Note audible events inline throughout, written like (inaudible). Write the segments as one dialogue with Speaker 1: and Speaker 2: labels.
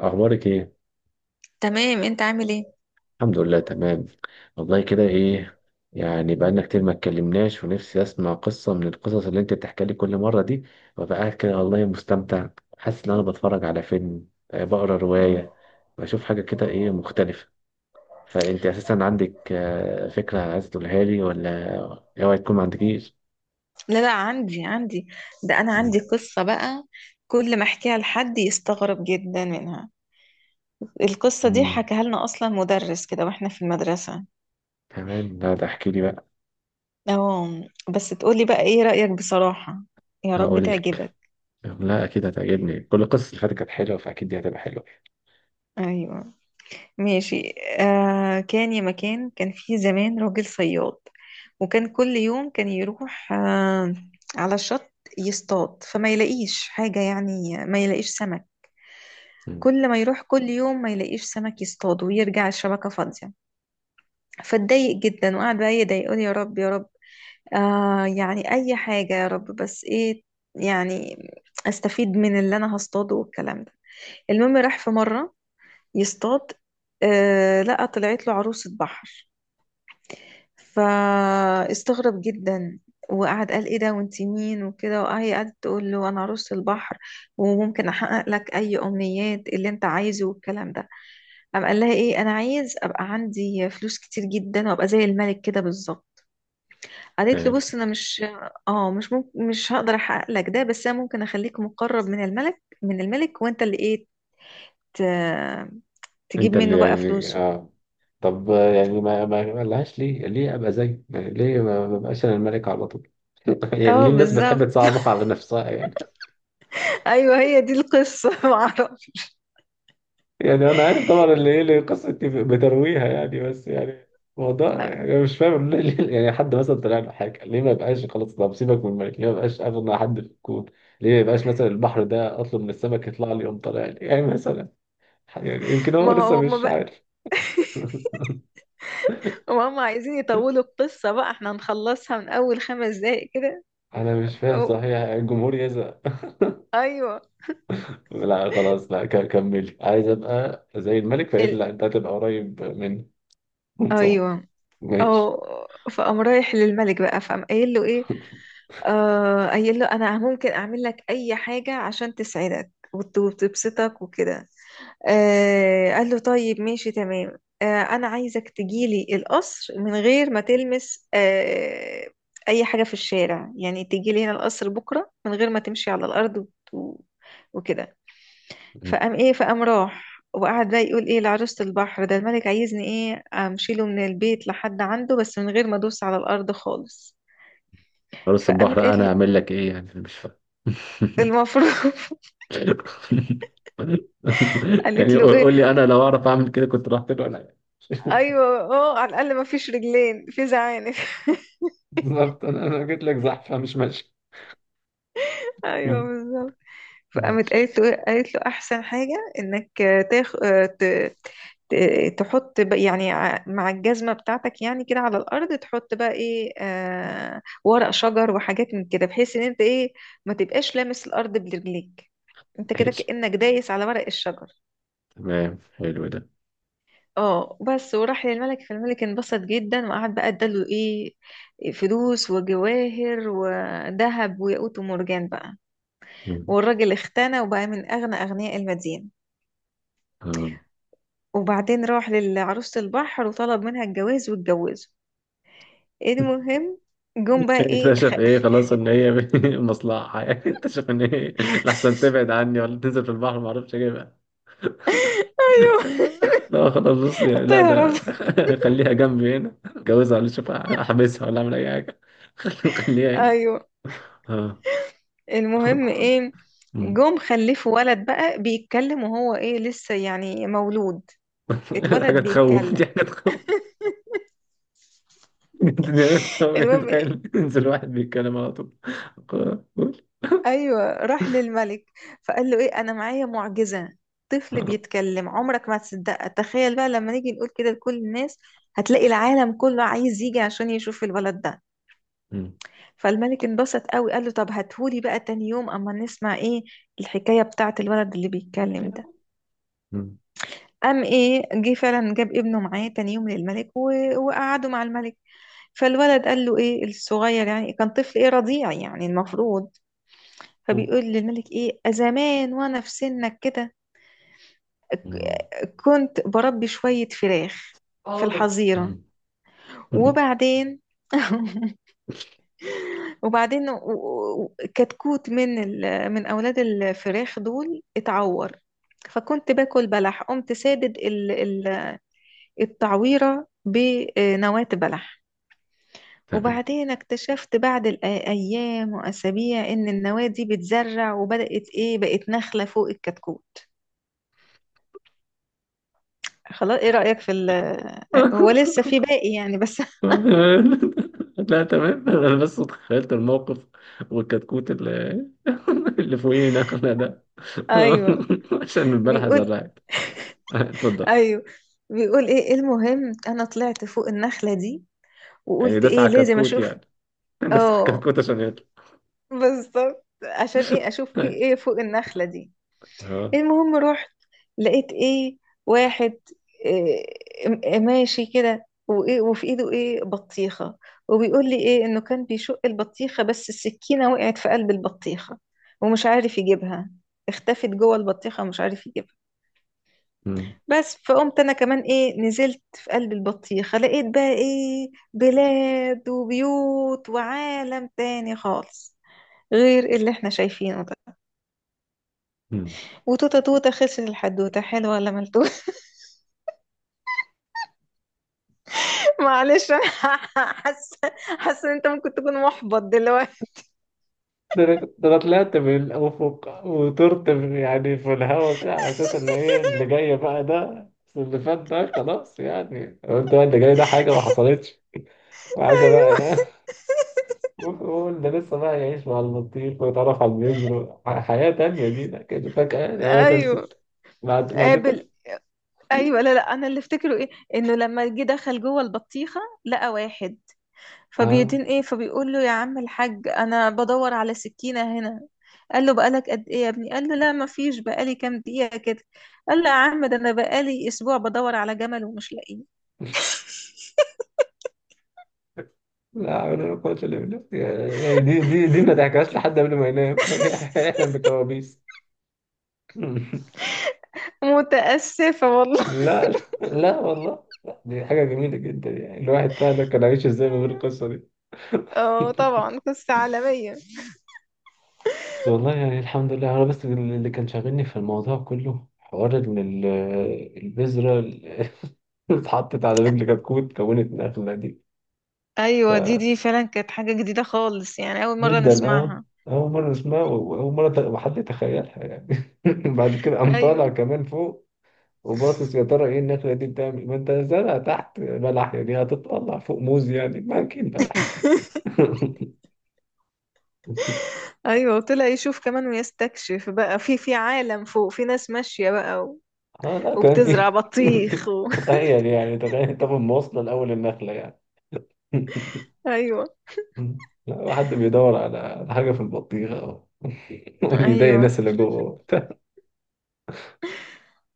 Speaker 1: اخبارك ايه؟
Speaker 2: تمام، انت عامل ايه؟
Speaker 1: الحمد لله، تمام. والله، كده ايه؟ يعني بقالنا كتير ما اتكلمناش، ونفسي اسمع قصه من القصص اللي انت بتحكي لي كل مره دي، وابقى قاعد كده والله مستمتع. حاسس ان انا بتفرج على فيلم، بقرا
Speaker 2: مم.
Speaker 1: روايه، بشوف حاجه كده، ايه مختلفه. فانت اساسا عندك، فكره عايز تقولها لي ولا اوعي تكون ما عندكيش.
Speaker 2: لا لا، عندي. ده انا عندي قصة بقى، كل ما احكيها لحد يستغرب جدا منها. القصة دي
Speaker 1: امم.
Speaker 2: حكاها لنا اصلا مدرس كده واحنا في المدرسة.
Speaker 1: كمان، لا ده احكي لي بقى.
Speaker 2: اه، بس تقولي بقى ايه رأيك بصراحة؟ يا رب
Speaker 1: هقول لك
Speaker 2: تعجبك.
Speaker 1: لا، اكيد هتعجبني. كل القصص اللي فاتت كانت حلوه، فاكيد دي هتبقى حلوه.
Speaker 2: ايوه، ماشي. كان يا مكان، كان في زمان راجل صياد، وكان كل يوم كان يروح على الشط يصطاد، فما يلاقيش حاجة، يعني ما يلاقيش سمك. كل ما يروح كل يوم ما يلاقيش سمك يصطاد ويرجع الشبكة فاضية. فاتضايق جدا وقعد بقى يدعي، يقول: يا رب يا رب، يعني أي حاجة يا رب، بس إيه يعني، أستفيد من اللي أنا هصطاده والكلام ده. المهم راح في مرة يصطاد، لقى طلعت له عروسة بحر. فاستغرب جدا وقعد قال: ايه ده وانت مين وكده. وهي قعدت تقول له: انا عروسة البحر، وممكن احقق لك اي امنيات اللي انت عايزه والكلام ده. قام قال لها ايه: انا عايز ابقى عندي فلوس كتير جدا وابقى زي الملك كده بالظبط. قالت له: بص،
Speaker 1: مم.
Speaker 2: انا مش... اه مش ممكن، مش هقدر احقق لك ده، بس انا ممكن اخليك مقرب من الملك، وانت اللي ايه ت- تجيب
Speaker 1: انت اللي
Speaker 2: منه بقى
Speaker 1: يعني
Speaker 2: فلوسه.
Speaker 1: اه. طب يعني ما لهاش، ليه ابقى زيه؟ يعني ليه ما ببقاش انا الملك على طول؟ (laughs) يعني
Speaker 2: اه،
Speaker 1: ليه الناس بتحب
Speaker 2: بالظبط.
Speaker 1: تصعبها على نفسها يعني؟
Speaker 2: ايوه هي دي القصه. (laughs) معرفش.
Speaker 1: يعني انا عارف طبعا اللي ايه، اللي قصة بترويها يعني، بس يعني موضوع يعني مش فاهم. (laughs) يعني حد مثلا طلع له حاجه، ليه ما يبقاش خلاص؟ طب سيبك من الملك، ليه ما يبقاش اغنى حد في الكون؟ ليه ما يبقاش مثلا البحر ده، اطلب من السمك يطلع لي، يقوم طالع لي يعني مثلا. يعني يمكن هو
Speaker 2: ما
Speaker 1: لسه
Speaker 2: هو
Speaker 1: مش
Speaker 2: هم
Speaker 1: عارف. (laughs)
Speaker 2: وهم عايزين يطولوا القصة، بقى احنا هنخلصها من أول 5 دقايق كده.
Speaker 1: انا مش فاهم
Speaker 2: أو
Speaker 1: صحيح، الجمهور يزعل.
Speaker 2: أيوه.
Speaker 1: لا خلاص، لا، كملي. عايز ابقى زي الملك، فقالت لي
Speaker 2: ال...
Speaker 1: لا، انت هتبقى قريب مني. (laughs) صح.
Speaker 2: أيوه.
Speaker 1: ماشي.
Speaker 2: فقام رايح للملك بقى، فقام قايل له إيه، قايل له: أنا ممكن أعمل لك أي حاجة عشان تسعدك وتبسطك وكده. قال له: طيب ماشي تمام، أنا عايزك تجيلي القصر من غير ما تلمس أي حاجة في الشارع، يعني تجيلي هنا القصر بكرة من غير ما تمشي على الأرض وت- وكده. فقام راح وقعد بقى يقول ايه لعروسة البحر: ده الملك عايزني ايه امشي له من البيت لحد عنده، بس من غير ما ادوس على الارض خالص.
Speaker 1: فارس البحر
Speaker 2: فقامت
Speaker 1: بقى،
Speaker 2: قالت
Speaker 1: انا
Speaker 2: له
Speaker 1: اعمل لك ايه يعني؟ أنا مش فاهم. (laughs)
Speaker 2: المفروض، (laughs) قالت
Speaker 1: يعني
Speaker 2: له
Speaker 1: قول
Speaker 2: ايه.
Speaker 1: قول لي، انا لو اعرف اعمل كده كنت رحت له انا يعني.
Speaker 2: ايوه اه، على الاقل ما فيش رجلين في زعانف.
Speaker 1: بالظبط، انا جيت لك زحفه مش ماشي.
Speaker 2: (laughs) ايوه بالظبط. فقامت
Speaker 1: ماشي
Speaker 2: قالت له إيه؟ قالت له: احسن حاجه انك تاخ ت- تحط بقى، يعني مع الجزمه بتاعتك يعني كده على الارض، تحط بقى ايه، ورق شجر وحاجات من كده، بحيث ان انت ايه ما تبقاش لامس الارض برجليك. انت كده
Speaker 1: ماشي،
Speaker 2: كانك دايس على ورق الشجر.
Speaker 1: تمام، حلو ده.
Speaker 2: اه بس، وراح للملك. فالملك انبسط جدا وقعد بقى اداله ايه: فلوس وجواهر وذهب وياقوت ومرجان بقى.
Speaker 1: مم.
Speaker 2: والراجل اختنى وبقى من اغنى اغنياء المدينه.
Speaker 1: آه.
Speaker 2: وبعدين راح لعروسة البحر وطلب منها الجواز واتجوزوا. إيه المهم، جم بقى ايه
Speaker 1: اكتشف ايه؟ خلاص ان هي (laughs) مصلحه يعني، اكتشف ان هي لحسن تبعد عني، ولا تنزل في البحر ما اعرفش اجيبها.
Speaker 2: (laughs) ايوه،
Speaker 1: لا (laughs) لا، خلاص، بص يعني، لا
Speaker 2: تهرب.
Speaker 1: ده (laughs) خليها جنبي هنا، اتجوزها، ولا اشوف احبسها، ولا اعمل اي حاجه. (laughs) خليها هنا.
Speaker 2: ايوه
Speaker 1: اه.
Speaker 2: المهم ايه،
Speaker 1: أمم.
Speaker 2: جم خلفوا ولد بقى بيتكلم، وهو ايه لسه يعني مولود،
Speaker 1: (laughs)
Speaker 2: اتولد
Speaker 1: حاجه تخوف، دي
Speaker 2: بيتكلم.
Speaker 1: حاجه تخوف. (laughs)
Speaker 2: المهم إيه؟
Speaker 1: تخيل ينزل واحد بيتكلم على طول. (laughs) قول.
Speaker 2: ايوه راح للملك، فقال له ايه: انا معايا معجزة، طفل بيتكلم عمرك ما هتصدقها، تخيل بقى لما نيجي نقول كده لكل الناس هتلاقي العالم كله عايز يجي عشان يشوف الولد ده.
Speaker 1: أمم.
Speaker 2: فالملك انبسط قوي، قال له: طب هاتهولي بقى تاني يوم اما نسمع ايه الحكاية بتاعت الولد اللي بيتكلم ده.
Speaker 1: أمم.
Speaker 2: قام ايه جه فعلا جاب ابنه معاه تاني يوم للملك وقعدوا مع الملك. فالولد قال له ايه الصغير، يعني كان طفل ايه رضيع يعني المفروض، فبيقول للملك ايه: زمان وانا في سنك كده
Speaker 1: أمم.
Speaker 2: كنت بربي شوية فراخ في
Speaker 1: حاضر.
Speaker 2: الحظيرة.
Speaker 1: أمم.
Speaker 2: وبعدين (laughs) وبعدين كتكوت من اولاد الفراخ دول اتعور، فكنت باكل بلح، قمت سادد التعويره بنواه بلح.
Speaker 1: تمام.
Speaker 2: وبعدين اكتشفت بعد الايام واسابيع ان النواه دي بتزرع، وبدات ايه بقت نخله فوق الكتكوت. خلاص ايه رايك في هو لسه في باقي يعني بس. (laughs)
Speaker 1: (laughs) لا، تمام، انا بس تخيلت الموقف، والكتكوت اللي (laughs) اللي فوقينا احنا ده
Speaker 2: ايوه
Speaker 1: (laughs) عشان البارحة
Speaker 2: بيقول،
Speaker 1: زرعت. (laughs) اتفضل.
Speaker 2: ايوه بيقول ايه، إيه المهم انا طلعت فوق النخله دي،
Speaker 1: يعني
Speaker 2: وقلت
Speaker 1: داس
Speaker 2: ايه
Speaker 1: على
Speaker 2: لازم
Speaker 1: كتكوت
Speaker 2: اشوف.
Speaker 1: يعني؟ (laughs) داس على
Speaker 2: اه
Speaker 1: كتكوت عشان يطلع.
Speaker 2: بالظبط، عشان ايه
Speaker 1: (laughs)
Speaker 2: اشوف في
Speaker 1: ماشي.
Speaker 2: ايه فوق النخلة دي.
Speaker 1: اه.
Speaker 2: المهم رحت لقيت ايه واحد إيه ماشي كده وايه، وفي ايده ايه بطيخة، وبيقول لي ايه انه كان بيشق البطيخة بس السكينة وقعت في قلب البطيخة ومش عارف يجيبها، اختفت جوه البطيخة ومش عارف يجيبها.
Speaker 1: مم.
Speaker 2: بس فقمت انا كمان ايه نزلت في قلب البطيخة، لقيت بقى ايه بلاد وبيوت وعالم تاني خالص غير اللي احنا شايفينه ده.
Speaker 1: مم.
Speaker 2: وتوتة توتة، خسر الحدوتة حلوة ولا ملتوتة. (laughs) معلش انا، (laughs) حاسة حاسة ان انت ممكن تكون محبط دلوقتي.
Speaker 1: ده أنا طلعت من الافق وطرت يعني في الهواء كده، على اساس ان
Speaker 2: (laughs)
Speaker 1: ايه اللي جاي بقى ده، بس اللي فات ده خلاص يعني، قلت بقى اللي جاي ده حاجه ما حصلتش، وحاجه بقى
Speaker 2: ايوه،
Speaker 1: ايه. وقول (laughs) ده لسه بقى يعيش مع البطيخ ويتعرف على البذر، حياه تانية دي، ده كده فجاه هي
Speaker 2: ايوه،
Speaker 1: خلصت؟ بعد كل
Speaker 2: قابل، ايوه، لا، لا، انا اللي افتكره ايه: انه لما جه دخل جوه البطيخه لقى واحد
Speaker 1: آه.
Speaker 2: فبيدين ايه، فبيقول له: يا عم الحاج، انا بدور على سكينه هنا. قال له: بقالك قد ايه يا ابني؟ قال له: لا ما فيش، بقالي كام دقيقه كده. قال له: يا عم ده انا بقالي اسبوع بدور على جمل ومش لاقيه.
Speaker 1: لا حول ولا قوة إلا بالله. يعني دي ما تحكيهاش لحد قبل ما ينام، (laughs) هيحلم بكوابيس. (laughs)
Speaker 2: متأسفة والله.
Speaker 1: لا، لا. لا والله، لا، دي حاجة جميلة جدا يعني، الواحد فعلا كان عايش ازاي من غير القصة دي؟
Speaker 2: (laughs) اه طبعا
Speaker 1: (laughs)
Speaker 2: قصة عالمية.
Speaker 1: بس والله يعني الحمد لله. أنا بس اللي كان شاغلني في الموضوع كله حوار إن البذرة اللي (laughs) اتحطت على رجل كتكوت كونت نخلة دي.
Speaker 2: ايوه دي فعلا كانت حاجة جديدة خالص، يعني اول مرة
Speaker 1: جدا اه.
Speaker 2: نسمعها.
Speaker 1: اول مره اسمها، واول مره حد يتخيلها يعني. (laughs) بعد كده قام طالع
Speaker 2: ايوه.
Speaker 1: كمان فوق، وباصص يا ترى ايه النخله دي بتعمل؟ ما انت زرع تحت بلح يعني، هتطلع فوق موز يعني؟ ما اكيد بلح.
Speaker 2: (laughs)
Speaker 1: (laughs)
Speaker 2: ايوه وطلع يشوف كمان ويستكشف بقى في عالم فوق، في ناس ماشية بقى
Speaker 1: اه لا، كان في
Speaker 2: وبتزرع بطيخ
Speaker 1: (laughs) تخيل يعني، تخيل تاخد مواصله لاول النخله يعني. (laughs)
Speaker 2: (laughs) ايوه،
Speaker 1: لا، حد بيدور على حاجه في البطيخه (laughs) وبيضايق
Speaker 2: ايوه.
Speaker 1: الناس اللي جوه. (laughs)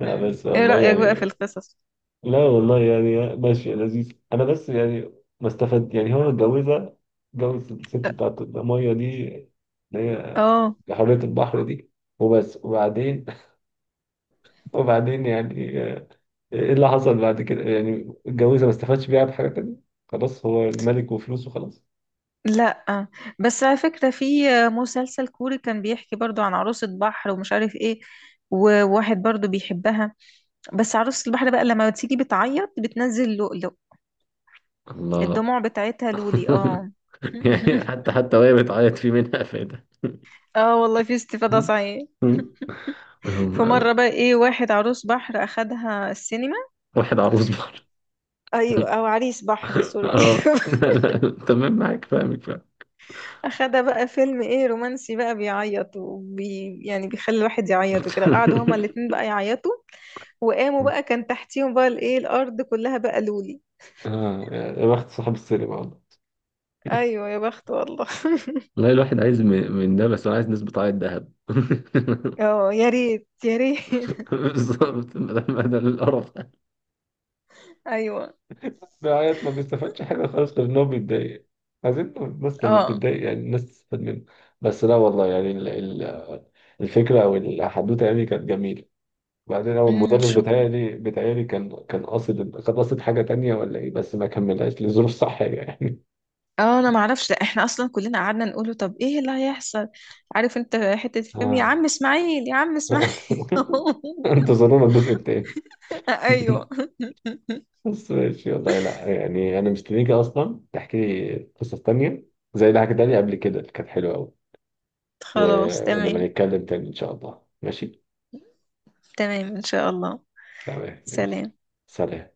Speaker 1: لا
Speaker 2: مم.
Speaker 1: بس
Speaker 2: ايه
Speaker 1: والله
Speaker 2: رأيك بقى في
Speaker 1: يعني،
Speaker 2: القصص؟
Speaker 1: لا والله يعني ماشي، لذيذ. انا بس يعني ما استفدت، يعني هو اتجوزها، اتجوز الست بتاعت الميه دي، اللي هي
Speaker 2: اه
Speaker 1: حرية البحر دي، وبس؟ وبعدين (laughs) وبععدين يعني، ايه اللي حصل بعد كده يعني؟ اتجوزها ما استفادش بيها بحاجة تانية، خلاص هو الملك وفلوسه خلاص.
Speaker 2: لا، بس على فكرة في مسلسل كوري كان بيحكي برضو عن عروسة بحر ومش عارف ايه، وواحد برضو بيحبها، بس عروسة البحر بقى لما بتيجي بتعيط بتنزل لؤلؤ.
Speaker 1: الله.
Speaker 2: الدموع بتاعتها لولي، اه.
Speaker 1: (laughs) يعني
Speaker 2: (laughs)
Speaker 1: حتى وهي بتعيط في منها فايدة.
Speaker 2: اه والله في استفادة
Speaker 1: مم.
Speaker 2: صحيح.
Speaker 1: مم.
Speaker 2: في مرة
Speaker 1: (laughs)
Speaker 2: بقى ايه واحد عروس بحر اخدها السينما.
Speaker 1: واحد عروس بحر؟
Speaker 2: ايوه او عريس بحر
Speaker 1: (laughs)
Speaker 2: سوري.
Speaker 1: اه. (laughs) تمام، معاك، فاهمك فاهمك.
Speaker 2: (laughs) اخدها بقى فيلم ايه رومانسي، بقى بيعيط يعني بيخلي الواحد يعيط وكده، قعدوا هما الاتنين
Speaker 1: (laughs)
Speaker 2: بقى يعيطوا، وقاموا بقى كان تحتيهم بقى الايه الارض كلها بقى لولي.
Speaker 1: آه يا بخت صاحب السينما والله.
Speaker 2: ايوه يا بخت والله.
Speaker 1: والله الواحد عايز من ده، بس هو عايز نسبة عائد ذهب.
Speaker 2: (laughs)
Speaker 1: (laughs)
Speaker 2: اه يا ريت يا ريت. (laughs)
Speaker 1: بالظبط، ما ده القرف ده.
Speaker 2: ايوه،
Speaker 1: العيال ما بيستفادش حاجة خالص، غير إن هو بيتضايق. عايزين الناس لما
Speaker 2: اه.
Speaker 1: بتتضايق يعني الناس تستفاد منه. بس لا والله يعني الفكرة أو الحدوتة يعني كانت جميلة. بعدين هو
Speaker 2: أمم،
Speaker 1: المدرس
Speaker 2: شكرا.
Speaker 1: بتهيألي كان قاصد حاجة تانية ولا إيه؟ بس ما كملهاش لظروف صحية يعني. (laughs)
Speaker 2: اه انا ما اعرفش، ده احنا اصلا كلنا قعدنا نقوله طب ايه اللي هيحصل. عارف انت حتة الفيلم يا
Speaker 1: آه.
Speaker 2: عم اسماعيل يا عم اسماعيل.
Speaker 1: (laughs) انتظرونا الجزء التاني.
Speaker 2: (laughs)
Speaker 1: (laughs)
Speaker 2: ايوه
Speaker 1: بس ماشي والله، لا يعني انا مستنيك اصلا تحكي لي قصص تانية زي اللي حكيتها لي قبل كده اللي كانت حلوة قوي. و...
Speaker 2: خلاص
Speaker 1: ونبقى
Speaker 2: تمام.
Speaker 1: نتكلم تاني ان شاء الله، ماشي.
Speaker 2: تمام ان شاء الله.
Speaker 1: تمام، يلا.
Speaker 2: سلام.
Speaker 1: سلام.